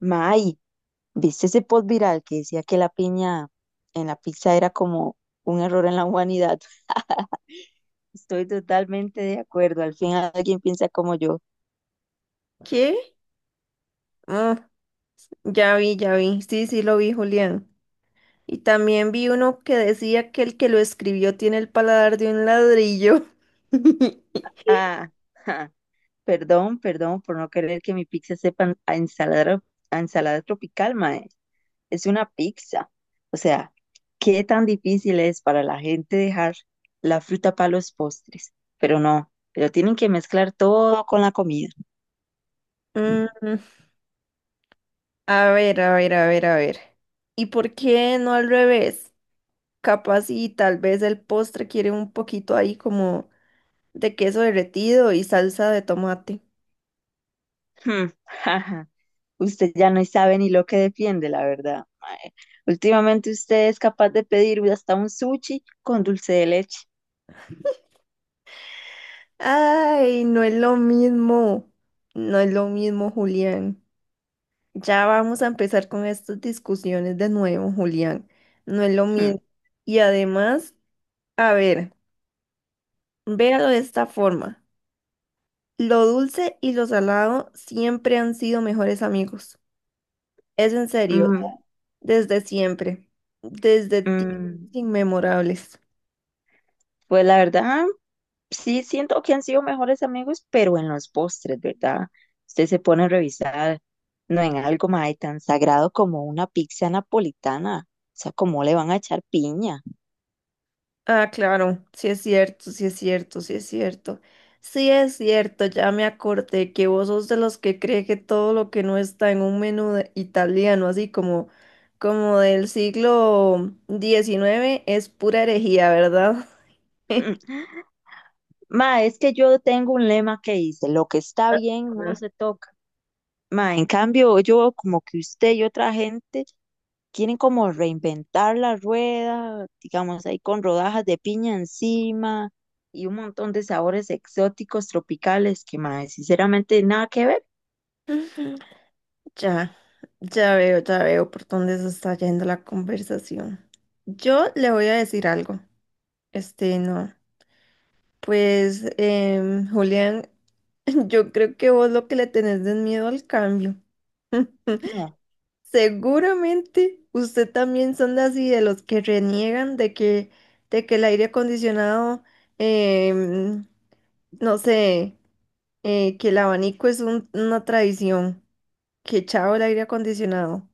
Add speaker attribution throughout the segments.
Speaker 1: May, ¿viste ese post viral que decía que la piña en la pizza era como un error en la humanidad? Estoy totalmente de acuerdo, al fin alguien piensa como yo.
Speaker 2: ¿Qué? Ah, ya vi, ya vi. Sí, sí, lo vi, Julián. Y también vi uno que decía que el que lo escribió tiene el paladar de un ladrillo.
Speaker 1: Ah, ja, perdón por no querer que mi pizza sepa a ensalada tropical, mae. Es una pizza. O sea, ¿qué tan difícil es para la gente dejar la fruta para los postres? Pero no, pero tienen que mezclar todo con la comida.
Speaker 2: Mm, a ver, a ver, a ver, a ver. ¿Y por qué no al revés? Capaz y tal vez el postre quiere un poquito ahí como de queso derretido y salsa de tomate.
Speaker 1: Hmm. Usted ya no sabe ni lo que defiende, la verdad, mae. Últimamente usted es capaz de pedir hasta un sushi con dulce de leche.
Speaker 2: Ay, no es lo mismo. No es lo mismo, Julián. Ya vamos a empezar con estas discusiones de nuevo, Julián. No es lo
Speaker 1: Hmm.
Speaker 2: mismo. Y además, a ver, véalo de esta forma. Lo dulce y lo salado siempre han sido mejores amigos. Es en serio,
Speaker 1: Mm,
Speaker 2: desde siempre, desde tiempos
Speaker 1: mm.
Speaker 2: inmemorables.
Speaker 1: Pues la verdad, sí siento que han sido mejores amigos, pero en los postres, ¿verdad? Usted se pone a revisar, no en algo más tan sagrado como una pizza napolitana. O sea, ¿cómo le van a echar piña?
Speaker 2: Ah, claro, sí es cierto, sí es cierto, sí es cierto. Sí es cierto, ya me acordé que vos sos de los que cree que todo lo que no está en un italiano, así como, como del siglo XIX es pura herejía, ¿verdad?
Speaker 1: Mm. Ma, es que yo tengo un lema que dice, lo que está bien no se toca. Ma, en cambio, yo veo como que usted y otra gente quieren como reinventar la rueda, digamos, ahí con rodajas de piña encima y un montón de sabores exóticos tropicales que, ma, sinceramente nada que ver,
Speaker 2: Ya, ya veo por dónde se está yendo la conversación. Yo le voy a decir algo. Este, no. Pues, Julián. Yo creo que vos lo que le tenés es miedo al cambio.
Speaker 1: no.
Speaker 2: Seguramente usted también son de así de los que reniegan de que el aire acondicionado, em, no sé, que el abanico es una tradición, que chao el aire acondicionado.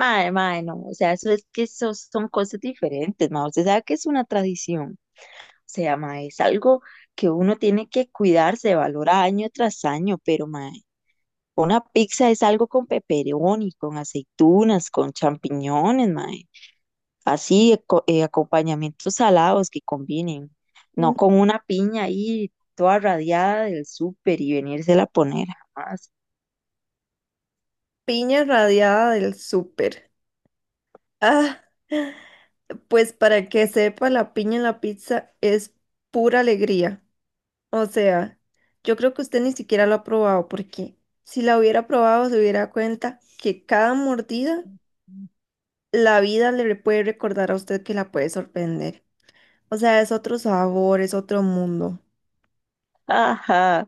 Speaker 1: Mae, mae, no, o sea, eso es que eso son cosas diferentes, ma, usted sabe que es una tradición, o sea, ma, es algo que uno tiene que cuidarse, valorar año tras año, pero, ma, una pizza es algo con pepperoni, con aceitunas, con champiñones, mae. Así, acompañamientos salados que combinen. No
Speaker 2: Mm.
Speaker 1: con una piña ahí toda radiada del súper y venírsela a poner jamás.
Speaker 2: Piña radiada del súper. Ah, pues para que sepa, la piña en la pizza es pura alegría. O sea, yo creo que usted ni siquiera lo ha probado, porque si la hubiera probado, se hubiera dado cuenta que cada mordida, la vida puede recordar a usted que la puede sorprender. O sea, es otro sabor, es otro mundo.
Speaker 1: Ajá,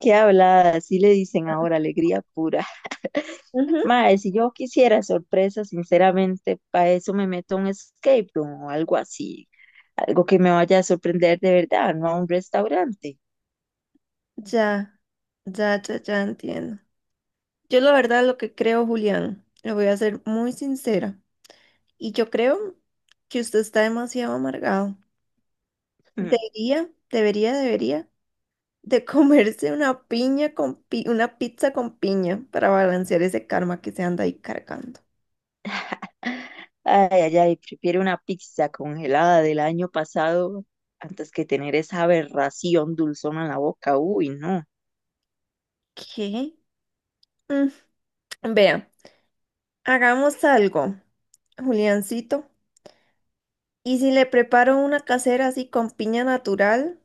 Speaker 1: qué hablada, así le dicen ahora, alegría pura.
Speaker 2: Ujú.
Speaker 1: Mae, si yo quisiera sorpresa, sinceramente, para eso me meto a un escape room o algo así. Algo que me vaya a sorprender de verdad, no a un restaurante.
Speaker 2: Ya, ya, ya, ya entiendo. Yo la verdad lo que creo, Julián, le voy a ser muy sincera, y yo creo que usted está demasiado amargado. Debería de comerse una piña una pizza con piña para balancear ese karma que se anda ahí cargando.
Speaker 1: Ay, ay, ay, prefiero una pizza congelada del año pasado antes que tener esa aberración dulzona en la boca. Uy, no.
Speaker 2: ¿Qué? Mm, vea, hagamos algo, Juliancito. Y si le preparo una casera así con piña natural,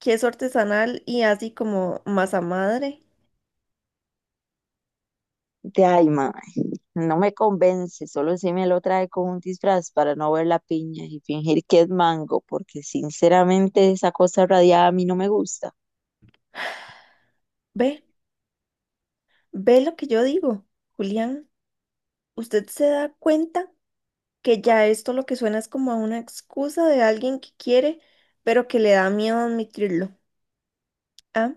Speaker 2: que es artesanal y así como masa madre,
Speaker 1: De ay, ma, no me convence, solo si me lo trae con un disfraz para no ver la piña y fingir que es mango, porque sinceramente esa cosa radiada a mí no me gusta.
Speaker 2: ve, ve lo que yo digo, Julián. ¿Usted se da cuenta que ya esto lo que suena es como a una excusa de alguien que quiere, pero que le da miedo admitirlo? Ah,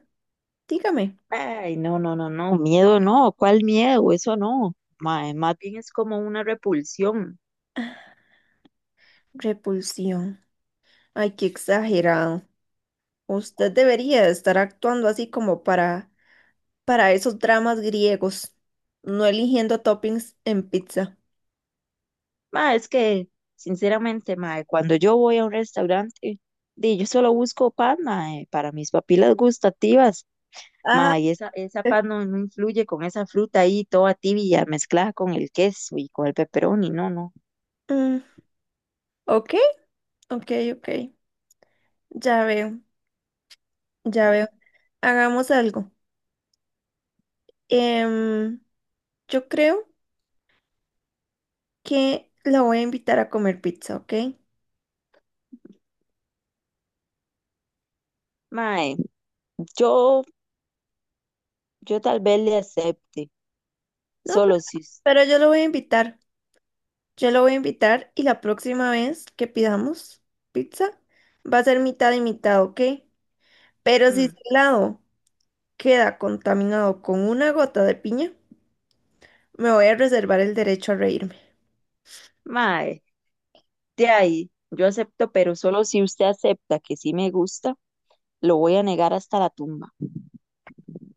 Speaker 2: dígame.
Speaker 1: Ay, no, no, no, no, miedo no, ¿cuál miedo? Eso no. Ma, más bien es como una repulsión.
Speaker 2: Repulsión. Ay, qué exagerado. Usted debería de estar actuando así como para esos dramas griegos, no eligiendo toppings en pizza.
Speaker 1: Ma, es que, sinceramente, mae, cuando yo voy a un restaurante, di, yo solo busco pan, mae, para mis papilas gustativas,
Speaker 2: Ah,
Speaker 1: mae, y esa pan no, no influye con esa fruta ahí toda tibia mezclada con el queso y con el pepperoni, no, no.
Speaker 2: mm, ok, ok, ok. Ya veo, ya veo. Hagamos algo. Em, yo creo que la voy a invitar a comer pizza, ¿ok?
Speaker 1: Mae, yo, yo tal vez le acepte,
Speaker 2: No,
Speaker 1: solo si
Speaker 2: pero yo lo voy a invitar. Yo lo voy a invitar y la próxima vez que pidamos pizza va a ser mitad y mitad, ¿ok? Pero si su
Speaker 1: mm,
Speaker 2: helado queda contaminado con una gota de piña, me voy a reservar el derecho a reírme.
Speaker 1: ma, de ahí, yo acepto, pero solo si usted acepta que sí me gusta, lo voy a negar hasta la tumba.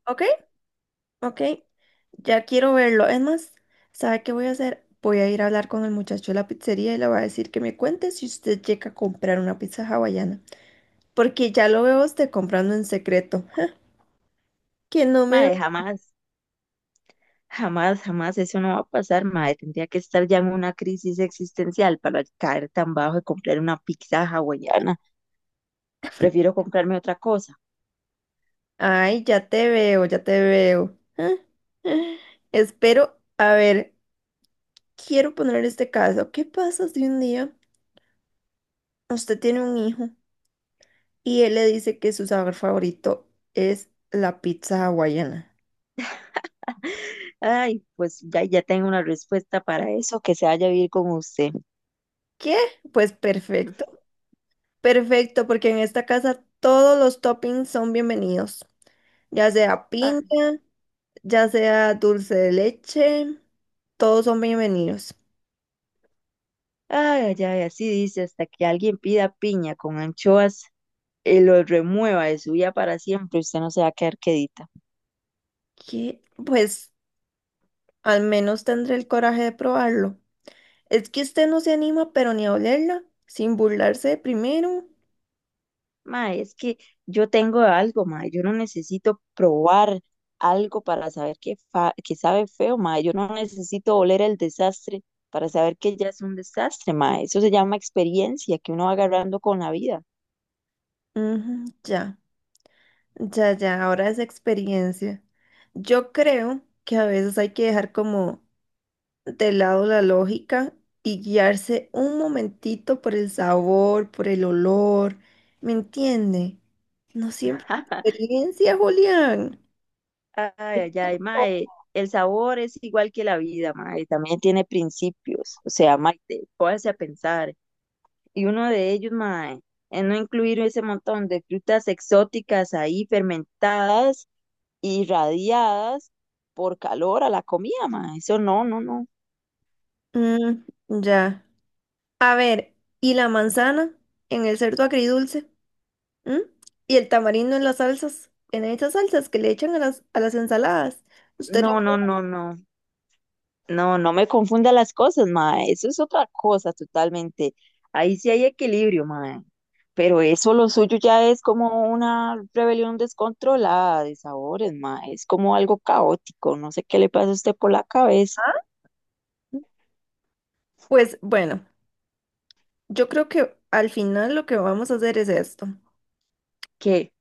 Speaker 2: ¿Ok? Ok. Ya quiero verlo. Es más, ¿sabe qué voy a hacer? Voy a ir a hablar con el muchacho de la pizzería y le voy a decir que me cuente si usted llega a comprar una pizza hawaiana. Porque ya lo veo a usted comprando en secreto. Que no me...
Speaker 1: Mae, jamás. Jamás, jamás eso no va a pasar, madre. Tendría que estar ya en una crisis existencial para caer tan bajo y comprar una pizza hawaiana. Prefiero comprarme otra cosa.
Speaker 2: Ay, ya te veo, ya te veo. Ja, ja. Espero, a ver, quiero poner este caso. ¿Qué pasa si un día usted tiene un hijo y él le dice que su sabor favorito es la pizza hawaiana?
Speaker 1: Ay, pues ya, ya tengo una respuesta para eso, que se vaya a vivir con usted.
Speaker 2: ¿Qué? Pues perfecto, perfecto, porque en esta casa todos los toppings son bienvenidos, ya sea
Speaker 1: Ah.
Speaker 2: piña, ya sea dulce de leche, todos son bienvenidos.
Speaker 1: Ay, ay, ay, así dice, hasta que alguien pida piña con anchoas y lo remueva de su vida para siempre, usted no se va a quedar quedita.
Speaker 2: ¿Qué? Pues al menos tendré el coraje de probarlo. Es que usted no se anima, pero ni a olerla, sin burlarse primero.
Speaker 1: Ma, es que yo tengo algo, ma, yo no necesito probar algo para saber que, que sabe feo, ma, yo no necesito oler el desastre para saber que ya es un desastre, ma, eso se llama experiencia que uno va agarrando con la vida.
Speaker 2: Ujú, ya. Ya, ya, ahora es experiencia. Yo creo que a veces hay que dejar como de lado la lógica y guiarse un momentito por el sabor, por el olor. ¿Me entiende? No siempre es experiencia, Julián.
Speaker 1: Ay, ay, ay, ma, el sabor es igual que la vida, ma, y también tiene principios, o sea, ma, póngase a pensar, y uno de ellos, ma, es no incluir ese montón de frutas exóticas ahí fermentadas irradiadas por calor a la comida, ma. Eso no, no, no.
Speaker 2: Mm, ya. A ver, ¿y la manzana en el cerdo agridulce? ¿Mm? ¿Y el tamarindo en las salsas? En esas salsas que le echan a las ensaladas. ¿Usted lo...
Speaker 1: No, no, no, no. No, no me confunda las cosas, ma. Eso es otra cosa totalmente. Ahí sí hay equilibrio, ma. Pero eso lo suyo ya es como una rebelión descontrolada de sabores, ma. Es como algo caótico. No sé qué le pasa a usted por la cabeza.
Speaker 2: Pues bueno. Yo creo que al final lo que vamos a hacer es esto.
Speaker 1: Que,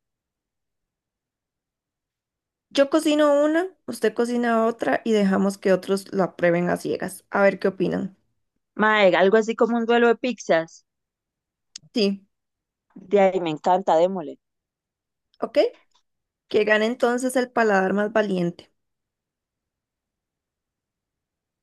Speaker 2: Yo cocino una, usted cocina otra y dejamos que otros la prueben a ciegas. A ver qué opinan.
Speaker 1: ma, algo así como un duelo de pizzas.
Speaker 2: Sí,
Speaker 1: De ahí me encanta, démosle.
Speaker 2: ¿ok? Que gane entonces el paladar más valiente.